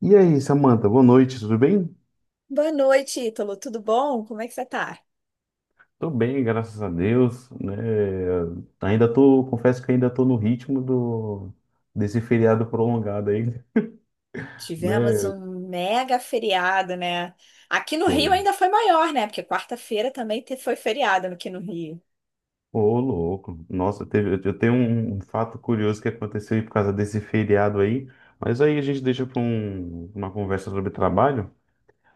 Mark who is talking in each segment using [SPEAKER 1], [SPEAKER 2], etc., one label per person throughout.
[SPEAKER 1] E aí, Samantha, boa noite, tudo bem?
[SPEAKER 2] Boa noite, Ítalo. Tudo bom? Como é que você tá?
[SPEAKER 1] Tô bem, graças a Deus, né? Ainda tô, confesso que ainda tô no ritmo do desse feriado prolongado aí,
[SPEAKER 2] Tivemos
[SPEAKER 1] né?
[SPEAKER 2] um mega feriado, né? Aqui no
[SPEAKER 1] Pô,
[SPEAKER 2] Rio ainda foi maior, né? Porque quarta-feira também foi feriado aqui no Rio.
[SPEAKER 1] ô, louco. Nossa, teve, eu tenho um fato curioso que aconteceu aí por causa desse feriado aí, mas aí a gente deixa para uma conversa sobre trabalho.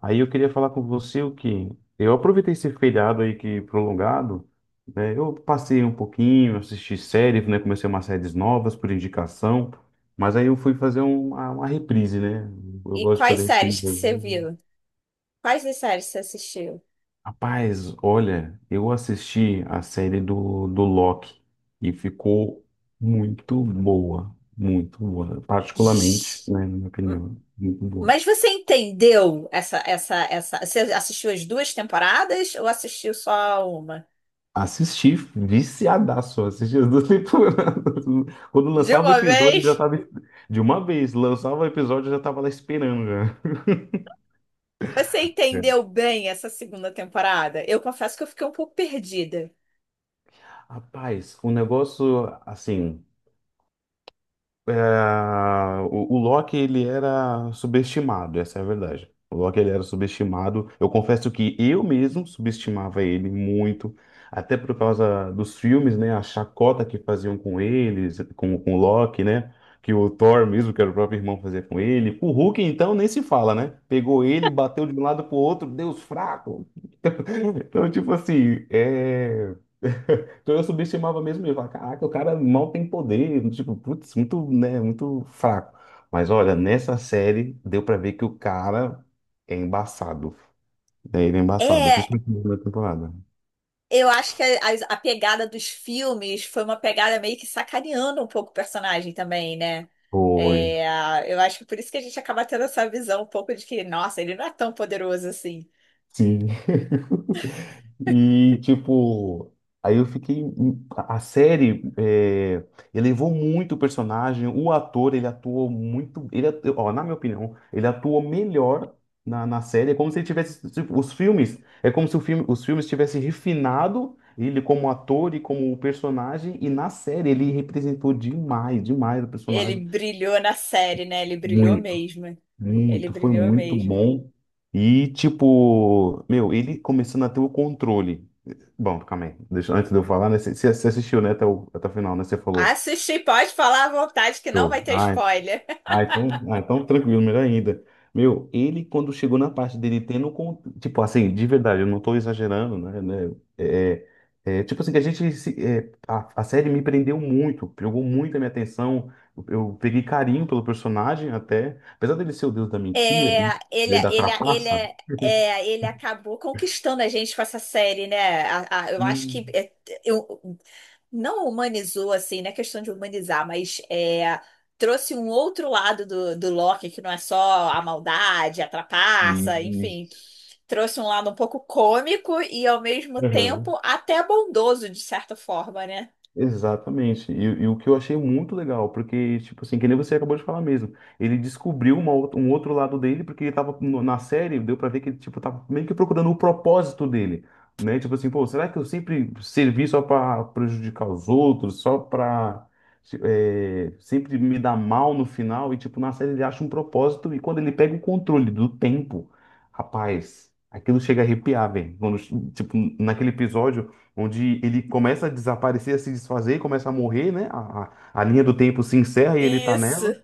[SPEAKER 1] Aí eu queria falar com você o que eu aproveitei esse feriado aí que prolongado, né? Eu passei um pouquinho, assisti séries, né? Comecei umas séries novas por indicação, mas aí eu fui fazer uma reprise, né? Eu
[SPEAKER 2] E
[SPEAKER 1] gosto de
[SPEAKER 2] quais
[SPEAKER 1] fazer reprise
[SPEAKER 2] séries que
[SPEAKER 1] às
[SPEAKER 2] você
[SPEAKER 1] vezes.
[SPEAKER 2] viu? Quais das séries você assistiu?
[SPEAKER 1] Rapaz, olha, eu assisti a série do Loki e ficou muito boa, particularmente,
[SPEAKER 2] Zzz.
[SPEAKER 1] né, na minha opinião, muito boa.
[SPEAKER 2] Mas você entendeu essa? Você assistiu as duas temporadas ou assistiu só uma?
[SPEAKER 1] Assisti, viciadaço, assisti as duas temporadas. Quando
[SPEAKER 2] De
[SPEAKER 1] lançava o
[SPEAKER 2] uma
[SPEAKER 1] episódio, eu já
[SPEAKER 2] vez?
[SPEAKER 1] tava. De uma vez, lançava o episódio, eu já tava lá esperando, já.
[SPEAKER 2] Você entendeu
[SPEAKER 1] É.
[SPEAKER 2] bem essa segunda temporada? Eu confesso que eu fiquei um pouco perdida.
[SPEAKER 1] Rapaz, o negócio, assim. É, o Loki ele era subestimado, essa é a verdade. O Loki ele era subestimado. Eu confesso que eu mesmo subestimava ele muito, até por causa dos filmes, né? A chacota que faziam com eles, com o Loki, né? Que o Thor mesmo, que era o próprio irmão, fazia com ele. O Hulk, então, nem se fala, né? Pegou ele, bateu de um lado pro outro, Deus fraco. Então, tipo assim, é. Então eu subestimava mesmo eu. Falava, caraca, o cara mal tem poder. Tipo, putz, muito, né, muito fraco. Mas olha, nessa série deu pra ver que o cara é embaçado, né? Ele é embaçado,
[SPEAKER 2] É,
[SPEAKER 1] principalmente na primeira temporada.
[SPEAKER 2] Eu acho que a pegada dos filmes foi uma pegada meio que sacaneando um pouco o personagem também, né?
[SPEAKER 1] Foi.
[SPEAKER 2] É, eu acho que por isso que a gente acaba tendo essa visão um pouco de que, nossa, ele não é tão poderoso assim.
[SPEAKER 1] Sim. E, tipo, aí eu fiquei. A série elevou muito o personagem, o ator, ele atuou muito. Ele, ó, na minha opinião, ele atuou melhor na série. É como se ele tivesse. Tipo, os filmes. É como se o filme, os filmes tivessem refinado ele como ator e como personagem. E na série ele representou demais, demais o
[SPEAKER 2] Ele
[SPEAKER 1] personagem.
[SPEAKER 2] brilhou na série, né? Ele brilhou
[SPEAKER 1] Muito.
[SPEAKER 2] mesmo. Ele
[SPEAKER 1] Muito, foi
[SPEAKER 2] brilhou
[SPEAKER 1] muito
[SPEAKER 2] mesmo.
[SPEAKER 1] bom. E, tipo, meu, ele começando a ter o controle. Bom, calma aí. Deixa, antes de eu falar, né? Você assistiu, né, até o final, né? Você falou.
[SPEAKER 2] Assistir, pode falar à vontade que não vai
[SPEAKER 1] Show.
[SPEAKER 2] ter
[SPEAKER 1] Ah,
[SPEAKER 2] spoiler.
[SPEAKER 1] ah, então, ah, então tranquilo, melhor ainda. Meu, ele quando chegou na parte dele tendo, tipo assim, de verdade, eu não tô exagerando, né? Tipo assim, que a gente, a série me prendeu muito, pegou muito a minha atenção, eu peguei carinho pelo personagem até, apesar dele ser o deus da mentira,
[SPEAKER 2] É, ele,
[SPEAKER 1] né, da
[SPEAKER 2] ele, ele,
[SPEAKER 1] trapaça,
[SPEAKER 2] é, ele acabou conquistando a gente com essa série, né? Eu
[SPEAKER 1] e,
[SPEAKER 2] acho que eu não humanizou, assim, não é questão de humanizar, mas é, trouxe um outro lado do, do Loki, que não é só a maldade, a trapaça,
[SPEAKER 1] e-
[SPEAKER 2] enfim. Trouxe um lado um pouco cômico e, ao mesmo
[SPEAKER 1] Aham.
[SPEAKER 2] tempo, até bondoso, de certa forma, né?
[SPEAKER 1] Exatamente. E o que eu achei muito legal, porque, tipo assim, que nem você acabou de falar mesmo, ele descobriu um outro lado dele, porque ele tava na série, deu pra ver que ele, tipo, tava meio que procurando o propósito dele, né? Tipo assim, pô, será que eu sempre servi só pra prejudicar os outros, só pra, sempre me dar mal no final? E, tipo, na série ele acha um propósito, e quando ele pega o controle do tempo, rapaz, aquilo chega a arrepiar, velho. Quando, tipo, naquele episódio onde ele começa a desaparecer, a se desfazer, começa a morrer, né? A linha do tempo se encerra e ele tá
[SPEAKER 2] Isso.
[SPEAKER 1] nela.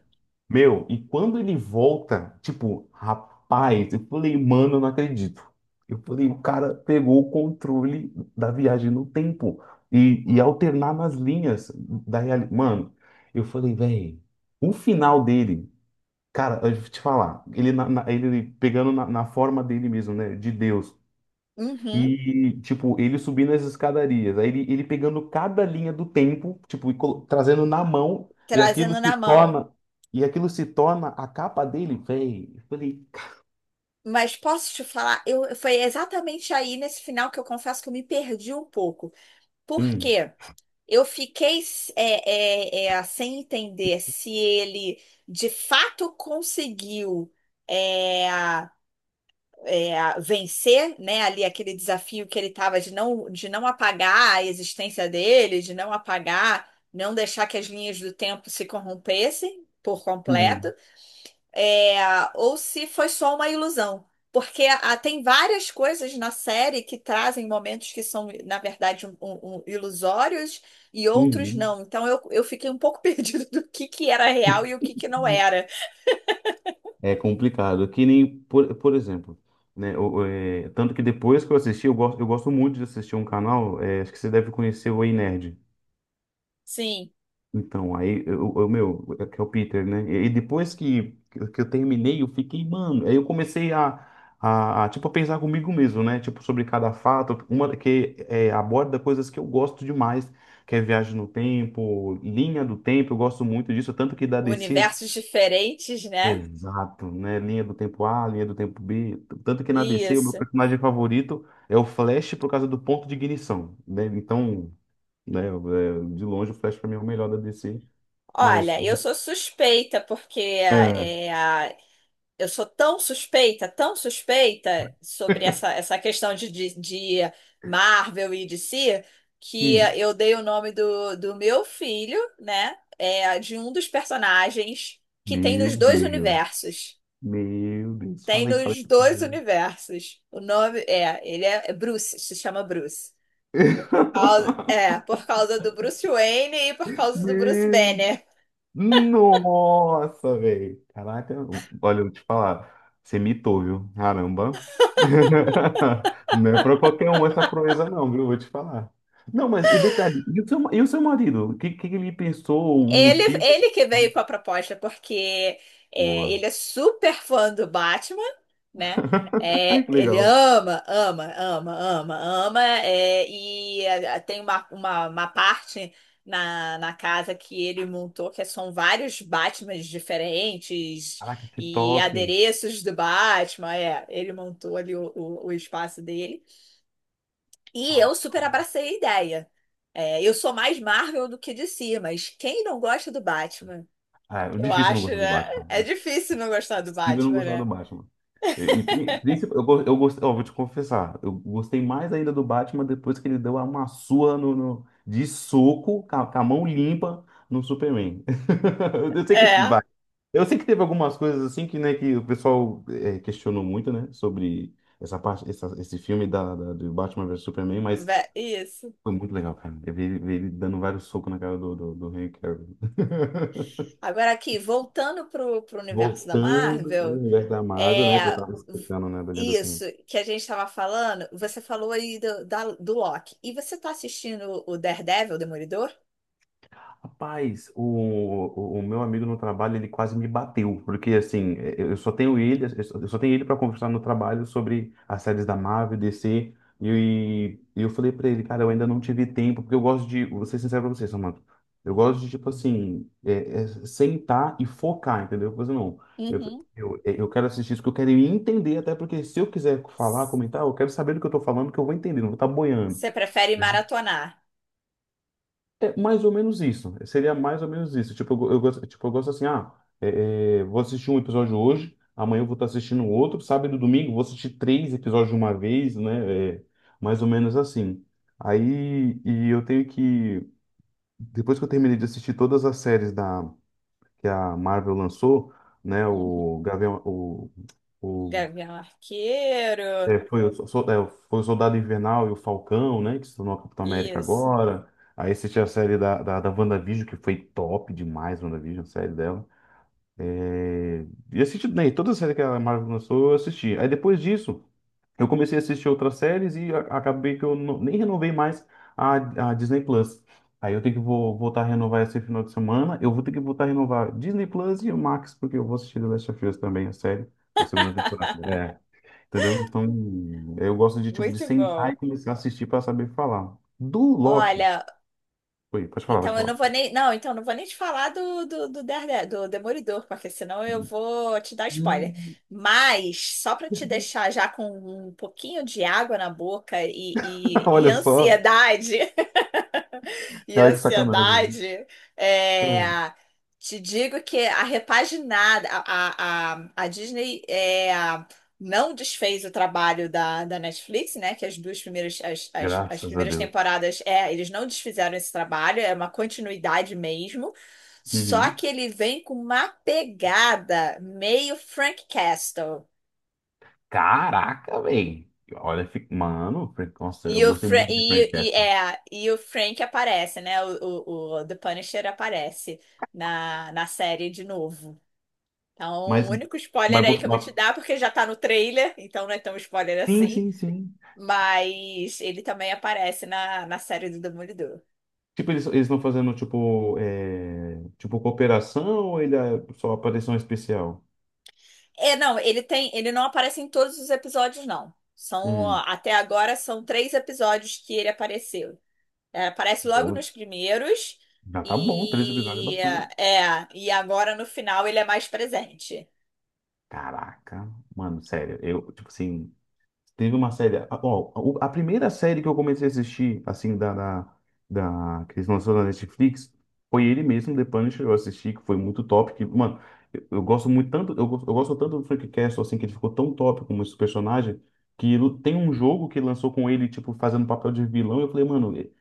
[SPEAKER 1] Meu, e quando ele volta, tipo, rapaz, eu falei, mano, eu não acredito. Eu falei, o cara pegou o controle da viagem no tempo e alternar nas linhas da realidade. Mano, eu falei, velho, o final dele, cara, eu vou te falar, ele, ele pegando na forma dele mesmo, né? De Deus.
[SPEAKER 2] Uhum.
[SPEAKER 1] E, tipo, ele subindo as escadarias, aí ele pegando cada linha do tempo, tipo, e trazendo na mão, e aquilo
[SPEAKER 2] Trazendo
[SPEAKER 1] se
[SPEAKER 2] na mão.
[SPEAKER 1] torna, e aquilo se torna a capa dele, velho. Eu falei,
[SPEAKER 2] Mas posso te falar, eu, foi exatamente aí nesse final que eu confesso que eu me perdi um pouco. Por
[SPEAKER 1] hum,
[SPEAKER 2] quê? Eu fiquei sem entender se ele de fato conseguiu é, vencer, né, ali aquele desafio que ele estava de não apagar a existência dele, de não apagar, não deixar que as linhas do tempo se corrompessem por completo,
[SPEAKER 1] hum,
[SPEAKER 2] é, ou se foi só uma ilusão. Porque ah, tem várias coisas na série que trazem momentos que são, na verdade, ilusórios e outros
[SPEAKER 1] hum.
[SPEAKER 2] não. Então eu fiquei um pouco perdido do que era real e o que, que não era.
[SPEAKER 1] É complicado. Que nem, por exemplo, né? Tanto que depois que eu assisti, eu gosto muito de assistir um canal, acho que você deve conhecer o Ei Nerd.
[SPEAKER 2] Sim,
[SPEAKER 1] Então, aí, meu, é que é o Peter, né? E depois que eu terminei, eu fiquei, mano. Aí eu comecei tipo, a pensar comigo mesmo, né? Tipo, sobre cada fato, uma que é, aborda coisas que eu gosto demais, que é viagem no tempo, linha do tempo, eu gosto muito disso, tanto que da DC.
[SPEAKER 2] universos diferentes, né?
[SPEAKER 1] Exato, né? Linha do tempo A, linha do tempo B. Tanto que na DC, o meu
[SPEAKER 2] Isso.
[SPEAKER 1] personagem favorito é o Flash por causa do ponto de ignição, né? Então, né, de longe, o Flash pra mim é o melhor da DC. Mas
[SPEAKER 2] Olha, eu sou suspeita porque
[SPEAKER 1] Ah,
[SPEAKER 2] é. Eu sou tão suspeita sobre essa questão de, de Marvel e D C, que
[SPEAKER 1] hum.
[SPEAKER 2] eu dei o nome do, do meu filho, né? É, de um dos personagens que tem
[SPEAKER 1] Meu
[SPEAKER 2] nos dois
[SPEAKER 1] Deus.
[SPEAKER 2] universos.
[SPEAKER 1] Meu Deus.
[SPEAKER 2] Tem
[SPEAKER 1] Falei, falei.
[SPEAKER 2] nos dois universos. O nome é, é Bruce, se chama Bruce. É, por causa do Bruce Wayne e por causa do Bruce
[SPEAKER 1] Meu.
[SPEAKER 2] Banner.
[SPEAKER 1] Nossa, velho. Caraca. Olha, eu vou te falar. Você mitou, viu? Caramba. Não é pra qualquer um essa proeza, não, viu? Vou te falar. Não, mas e detalhe, e o seu marido? O que ele pensou? O motivo?
[SPEAKER 2] Ele que veio com a proposta, porque é,
[SPEAKER 1] Boa.
[SPEAKER 2] ele é super fã do Batman, né?
[SPEAKER 1] Ai,
[SPEAKER 2] É,
[SPEAKER 1] que
[SPEAKER 2] ele
[SPEAKER 1] legal.
[SPEAKER 2] ama. É, e é, tem uma parte na casa que ele montou que são vários Batmans diferentes
[SPEAKER 1] Caraca, que
[SPEAKER 2] e
[SPEAKER 1] top.
[SPEAKER 2] adereços do Batman. É, ele montou ali o espaço dele. E eu super abracei a ideia. É, eu sou mais Marvel do que DC, mas quem não gosta do Batman?
[SPEAKER 1] Ah, é
[SPEAKER 2] Eu
[SPEAKER 1] difícil não
[SPEAKER 2] acho,
[SPEAKER 1] gostar do
[SPEAKER 2] né?
[SPEAKER 1] Batman.
[SPEAKER 2] É difícil não gostar do
[SPEAKER 1] Impossível não
[SPEAKER 2] Batman,
[SPEAKER 1] gostar do
[SPEAKER 2] né?
[SPEAKER 1] Batman. E eu gostei, ó, vou te confessar, eu gostei mais ainda do Batman depois que ele deu uma surra de soco, com a mão limpa, no Superman. Eu sei que
[SPEAKER 2] É,
[SPEAKER 1] vai. Eu sei que teve algumas coisas assim que, né, que o pessoal questionou muito, né, sobre essa parte, esse filme da, do Batman versus Superman, mas
[SPEAKER 2] isso.
[SPEAKER 1] foi muito legal, cara. Eu vi ele dando vários socos na cara do Henry Cavill.
[SPEAKER 2] Agora aqui, voltando pro, pro universo da
[SPEAKER 1] Voltando no
[SPEAKER 2] Marvel,
[SPEAKER 1] universo da Marvel,
[SPEAKER 2] é,
[SPEAKER 1] né? Tu tava explicando, né, da linha do
[SPEAKER 2] isso
[SPEAKER 1] tempo.
[SPEAKER 2] que a gente estava falando, você falou aí do, da, do Loki. E você tá assistindo o Daredevil, o Demolidor?
[SPEAKER 1] Rapaz, o meu amigo no trabalho, ele quase me bateu, porque assim, eu só tenho ele, eu só tenho ele para conversar no trabalho sobre as séries da Marvel, DC, e eu falei para ele, cara, eu ainda não tive tempo, porque eu gosto de, vou ser sincero pra você, Samantha, eu gosto de, tipo assim, sentar e focar, entendeu? Eu falei, não,
[SPEAKER 2] Uhum.
[SPEAKER 1] eu quero assistir isso, que eu quero entender, até porque se eu quiser falar, comentar, eu quero saber do que eu tô falando, que eu vou entender, não vou estar boiando.
[SPEAKER 2] Você prefere maratonar?
[SPEAKER 1] É mais ou menos isso. Seria mais ou menos isso. Tipo, eu gosto assim, vou assistir um episódio hoje, amanhã eu vou estar assistindo outro, sábado e domingo eu vou assistir três episódios de uma vez, né? É, mais ou menos assim. Aí, e eu tenho que, depois que eu terminei de assistir todas as séries da, que a Marvel lançou, né,
[SPEAKER 2] Uhum.
[SPEAKER 1] o Gavião, o
[SPEAKER 2] Gavião Arqueiro,
[SPEAKER 1] é, foi, o, so- so, é, foi o Soldado Invernal e o Falcão, né? Que se tornou a Capitão América
[SPEAKER 2] isso.
[SPEAKER 1] agora. Aí assisti a série da WandaVision, que foi top demais, WandaVision, a série dela. É, e assisti, né, toda a série que a Marvel lançou, eu assisti. Aí depois disso, eu comecei a assistir outras séries e acabei que eu nem renovei mais a Disney Plus. Aí eu tenho que vou, voltar a renovar esse final de semana. Eu vou ter que voltar a renovar Disney Plus e o Max, porque eu vou assistir The Last of Us também, a série da segunda temporada. É. Entendeu? Então, eu gosto de, tipo, de
[SPEAKER 2] Muito
[SPEAKER 1] sentar e
[SPEAKER 2] bom.
[SPEAKER 1] começar a assistir para saber falar. Do Loki.
[SPEAKER 2] Olha,
[SPEAKER 1] Oi, pode falar, pode
[SPEAKER 2] então eu não
[SPEAKER 1] falar.
[SPEAKER 2] vou nem. Não, então eu não vou nem te falar do Demolidor, porque senão eu vou te dar spoiler.
[SPEAKER 1] Hum.
[SPEAKER 2] Mas, só para te deixar já com um pouquinho de água na boca e, e
[SPEAKER 1] Olha só.
[SPEAKER 2] ansiedade, e a
[SPEAKER 1] Cara, que sacanagem.
[SPEAKER 2] ansiedade, é,
[SPEAKER 1] Hum.
[SPEAKER 2] te digo que a repaginada, a Disney é, não desfez o trabalho da, da Netflix, né? Que as duas primeiras, as
[SPEAKER 1] Graças a
[SPEAKER 2] primeiras
[SPEAKER 1] Deus.
[SPEAKER 2] temporadas, é, eles não desfizeram esse trabalho, é uma continuidade mesmo. Só
[SPEAKER 1] Uhum.
[SPEAKER 2] que ele vem com uma pegada meio Frank Castle.
[SPEAKER 1] Caraca, velho. Olha, mano, nossa, eu
[SPEAKER 2] E o,
[SPEAKER 1] gostei
[SPEAKER 2] Fra
[SPEAKER 1] muito de Frank
[SPEAKER 2] e,
[SPEAKER 1] Capra.
[SPEAKER 2] é, e o Frank aparece, né? O The Punisher aparece na série de novo. Então,
[SPEAKER 1] Mas,
[SPEAKER 2] o único spoiler
[SPEAKER 1] mas,
[SPEAKER 2] aí que
[SPEAKER 1] por-
[SPEAKER 2] eu vou te
[SPEAKER 1] mas-
[SPEAKER 2] dar, porque já tá no trailer, então não é tão spoiler
[SPEAKER 1] sim,
[SPEAKER 2] assim.
[SPEAKER 1] sim, sim.
[SPEAKER 2] Mas ele também aparece na série do Demolidor.
[SPEAKER 1] Tipo, eles estão fazendo, tipo, cooperação ou ele é só aparição especial?
[SPEAKER 2] É, não, ele não aparece em todos os episódios, não. São, ó,
[SPEAKER 1] Hum.
[SPEAKER 2] até agora são três episódios que ele apareceu. É, aparece logo
[SPEAKER 1] Bom,
[SPEAKER 2] nos primeiros
[SPEAKER 1] já tá bom, três episódios é
[SPEAKER 2] e
[SPEAKER 1] bastante.
[SPEAKER 2] é, e agora no final ele é mais presente.
[SPEAKER 1] Caraca, mano, sério, eu, tipo assim, teve uma série, ó, a primeira série que eu comecei a assistir, assim, que eles lançaram na Netflix, foi ele mesmo, The Punisher, eu assisti, que foi muito top, que, mano, eu gosto muito tanto, eu gosto tanto do Frank Castle, assim, que ele ficou tão top como esse personagem, que tem um jogo que lançou com ele, tipo, fazendo papel de vilão, e eu falei, mano, ele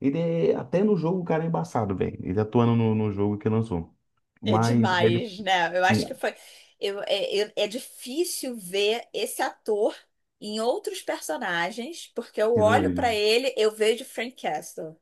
[SPEAKER 1] até no jogo o cara é embaçado, velho, ele atuando no jogo que lançou,
[SPEAKER 2] É
[SPEAKER 1] mas, aí ele,
[SPEAKER 2] demais, né? Eu
[SPEAKER 1] sim,
[SPEAKER 2] acho que foi. É difícil ver esse ator em outros personagens, porque eu
[SPEAKER 1] assinou
[SPEAKER 2] olho pra
[SPEAKER 1] ele.
[SPEAKER 2] ele, eu vejo Frank Castle.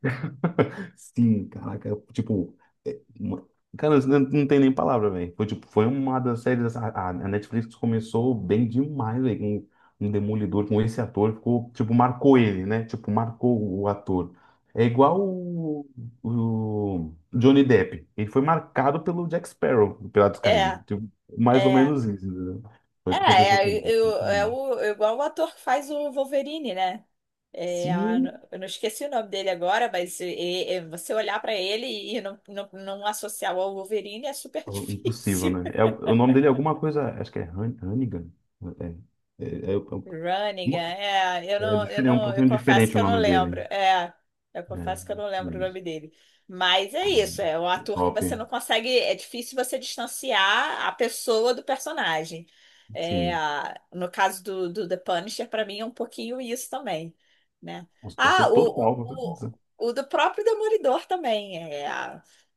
[SPEAKER 1] Sim, caraca, eu, tipo, é, uma- cara, não, não tem nem palavra, velho. Foi, tipo, foi uma das séries, a Netflix começou bem demais, velho, com um Demolidor, com esse ator, ficou, tipo, marcou ele, né? Tipo, marcou o ator. É igual o Johnny Depp, ele foi marcado pelo Jack Sparrow, do Piratas do Caribe,
[SPEAKER 2] É,
[SPEAKER 1] tipo, mais ou
[SPEAKER 2] é.
[SPEAKER 1] menos isso, entendeu? Foi
[SPEAKER 2] É,
[SPEAKER 1] o que aconteceu com ele.
[SPEAKER 2] é,
[SPEAKER 1] Muito bom.
[SPEAKER 2] é igual o ator que faz o Wolverine, né? É, a-
[SPEAKER 1] Sim,
[SPEAKER 2] eu não esqueci o nome dele agora, mas você olhar pra ele e não associar ao Wolverine é super
[SPEAKER 1] Algo Impossível,
[SPEAKER 2] difícil.
[SPEAKER 1] né? É, o nome dele é alguma coisa, acho que é Hannigan. É, é, é, é, é
[SPEAKER 2] Runnigan, é, é, eu
[SPEAKER 1] é
[SPEAKER 2] não,
[SPEAKER 1] diferente, é um
[SPEAKER 2] eu
[SPEAKER 1] pouquinho
[SPEAKER 2] confesso
[SPEAKER 1] diferente
[SPEAKER 2] que
[SPEAKER 1] o
[SPEAKER 2] eu não
[SPEAKER 1] nome
[SPEAKER 2] lembro,
[SPEAKER 1] dele.
[SPEAKER 2] é, eu
[SPEAKER 1] É,
[SPEAKER 2] confesso que eu não
[SPEAKER 1] é,
[SPEAKER 2] lembro o nome dele, mas é
[SPEAKER 1] Cara,
[SPEAKER 2] isso, é um ator que
[SPEAKER 1] top,
[SPEAKER 2] você não consegue, é difícil você distanciar a pessoa do personagem, é,
[SPEAKER 1] sim.
[SPEAKER 2] no caso do, do The Punisher, para mim é um pouquinho isso também, né?
[SPEAKER 1] Com
[SPEAKER 2] Ah,
[SPEAKER 1] certeza, total.
[SPEAKER 2] o do próprio Demolidor também, é,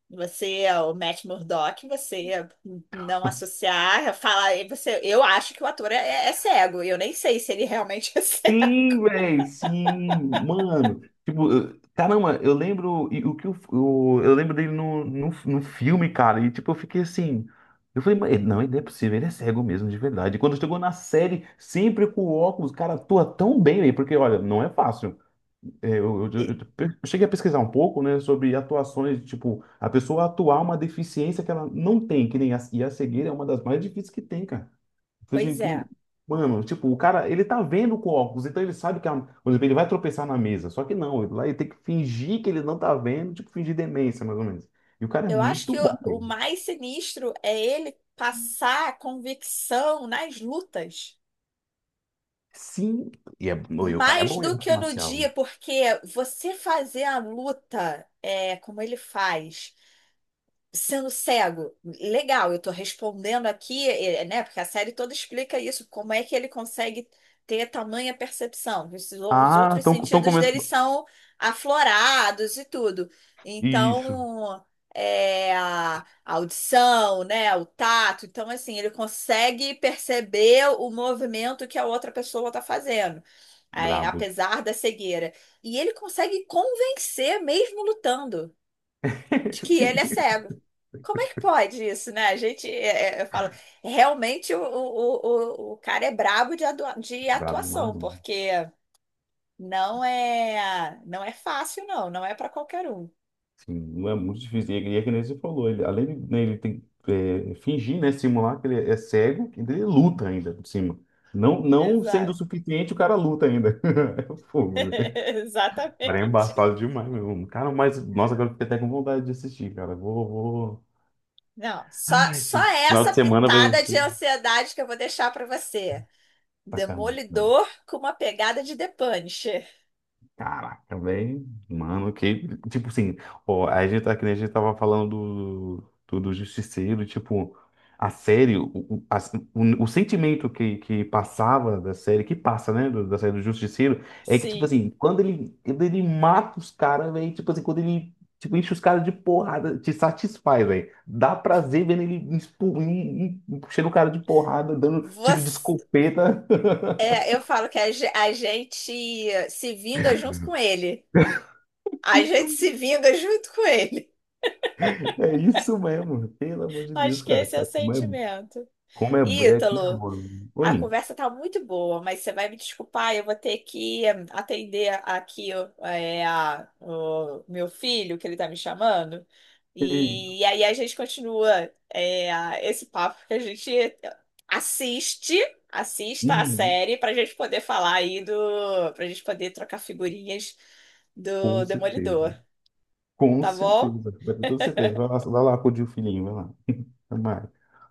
[SPEAKER 2] você é o Matt Murdock, você não associar, falar, você, eu acho que o ator é, é cego, eu nem sei se ele realmente é cego.
[SPEAKER 1] Sim, velho, sim, mano. Tipo, caramba, eu lembro e o que eu lembro dele no filme, cara, e tipo, eu fiquei assim. Eu falei, "Mas não, ele não é possível, ele é cego mesmo, de verdade." E quando chegou na série, sempre com óculos, cara, atua tão bem, velho, porque olha, não é fácil. É, eu, eu,
[SPEAKER 2] E-
[SPEAKER 1] eu- eu cheguei a pesquisar um pouco, né, sobre atuações, tipo, a pessoa atuar uma deficiência que ela não tem, que nem a, e a cegueira é uma das mais difíceis que tem, cara. Foi assim
[SPEAKER 2] Pois
[SPEAKER 1] que,
[SPEAKER 2] é.
[SPEAKER 1] mano, tipo, o cara, ele tá vendo com óculos, então ele sabe que, por exemplo, ele vai tropeçar na mesa. Só que não, ele, lá ele tem que fingir que ele não tá vendo, tipo, fingir demência, mais ou menos. E o cara é
[SPEAKER 2] Eu acho
[SPEAKER 1] muito
[SPEAKER 2] que
[SPEAKER 1] bom,
[SPEAKER 2] o
[SPEAKER 1] velho.
[SPEAKER 2] mais sinistro é ele passar convicção nas lutas,
[SPEAKER 1] Sim, e o cara é
[SPEAKER 2] mais
[SPEAKER 1] bom em
[SPEAKER 2] do
[SPEAKER 1] arte
[SPEAKER 2] que no
[SPEAKER 1] marcial.
[SPEAKER 2] dia, porque você fazer a luta é, como ele faz, sendo cego. Legal, eu estou respondendo aqui, eh, né? Porque a série toda explica isso, como é que ele consegue ter tamanha percepção. Esses- Os
[SPEAKER 1] Ah,
[SPEAKER 2] outros
[SPEAKER 1] estão tão
[SPEAKER 2] sentidos dele
[SPEAKER 1] começando.
[SPEAKER 2] são aflorados e tudo.
[SPEAKER 1] Isso,
[SPEAKER 2] Então, é, a audição, né? O tato. Então, assim, ele consegue perceber o movimento que a outra pessoa está fazendo, eh,
[SPEAKER 1] brabo.
[SPEAKER 2] apesar da cegueira. E ele consegue convencer mesmo lutando de que ele é
[SPEAKER 1] Sim,
[SPEAKER 2] cego. Como é que pode isso, né? A gente, é, é, eu falo, realmente o cara é brabo de, de
[SPEAKER 1] brabo demais.
[SPEAKER 2] atuação, porque não é, não é fácil, não, não é para qualquer um.
[SPEAKER 1] Não é muito difícil. E é que nem você falou, ele, além de né, ele tem, fingir, né, simular que ele é cego, ainda ele luta ainda por cima. Não, não sendo o
[SPEAKER 2] Exato.
[SPEAKER 1] suficiente, o cara luta ainda. É fogo, velho. O Cara, é
[SPEAKER 2] Exatamente.
[SPEAKER 1] embaçado demais meu. Cara, mas, nossa, agora eu fiquei até com vontade de assistir, cara. Vou, vou.
[SPEAKER 2] Não,
[SPEAKER 1] Ai,
[SPEAKER 2] só
[SPEAKER 1] esse final
[SPEAKER 2] essa
[SPEAKER 1] de semana vai.
[SPEAKER 2] pitada de ansiedade que eu vou deixar para você.
[SPEAKER 1] Tá, cara, não.
[SPEAKER 2] Demolidor com uma pegada de The Punisher.
[SPEAKER 1] Caraca, também, mano, que, tipo assim, ó, a gente tá que nem a gente tava falando do Justiceiro, tipo, a série, o sentimento que passava da série, que passa, né, da série do Justiceiro, é que, tipo
[SPEAKER 2] Sim.
[SPEAKER 1] assim, quando ele mata os caras, velho, tipo assim, quando ele, tipo, enche os caras de porrada, te satisfaz, velho, dá prazer vendo ele enchendo o cara de porrada, dando tiro de
[SPEAKER 2] Você.
[SPEAKER 1] escopeta,
[SPEAKER 2] É, eu falo que a gente se vinga junto com ele. A
[SPEAKER 1] isso
[SPEAKER 2] gente se vinga junto com ele.
[SPEAKER 1] É isso mesmo, pelo amor de Deus,
[SPEAKER 2] Acho que
[SPEAKER 1] cara.
[SPEAKER 2] esse é o
[SPEAKER 1] Cara, como é,
[SPEAKER 2] sentimento.
[SPEAKER 1] como é, é, como é
[SPEAKER 2] Ítalo.
[SPEAKER 1] mano.
[SPEAKER 2] A
[SPEAKER 1] Oi.
[SPEAKER 2] conversa tá muito boa, mas você vai me desculpar, eu vou ter que eh, atender aqui ó, eh, o meu filho, que ele tá me chamando.
[SPEAKER 1] Ei,
[SPEAKER 2] E, aí a gente continua eh, esse papo que a gente assiste, assista a
[SPEAKER 1] hum,
[SPEAKER 2] série pra gente poder falar aí do, pra gente poder trocar figurinhas
[SPEAKER 1] com
[SPEAKER 2] do
[SPEAKER 1] certeza.
[SPEAKER 2] Demolidor,
[SPEAKER 1] Com
[SPEAKER 2] tá bom?
[SPEAKER 1] certeza. Vai ter toda certeza. Vai lá acudir o filhinho, vai lá. Vai lá.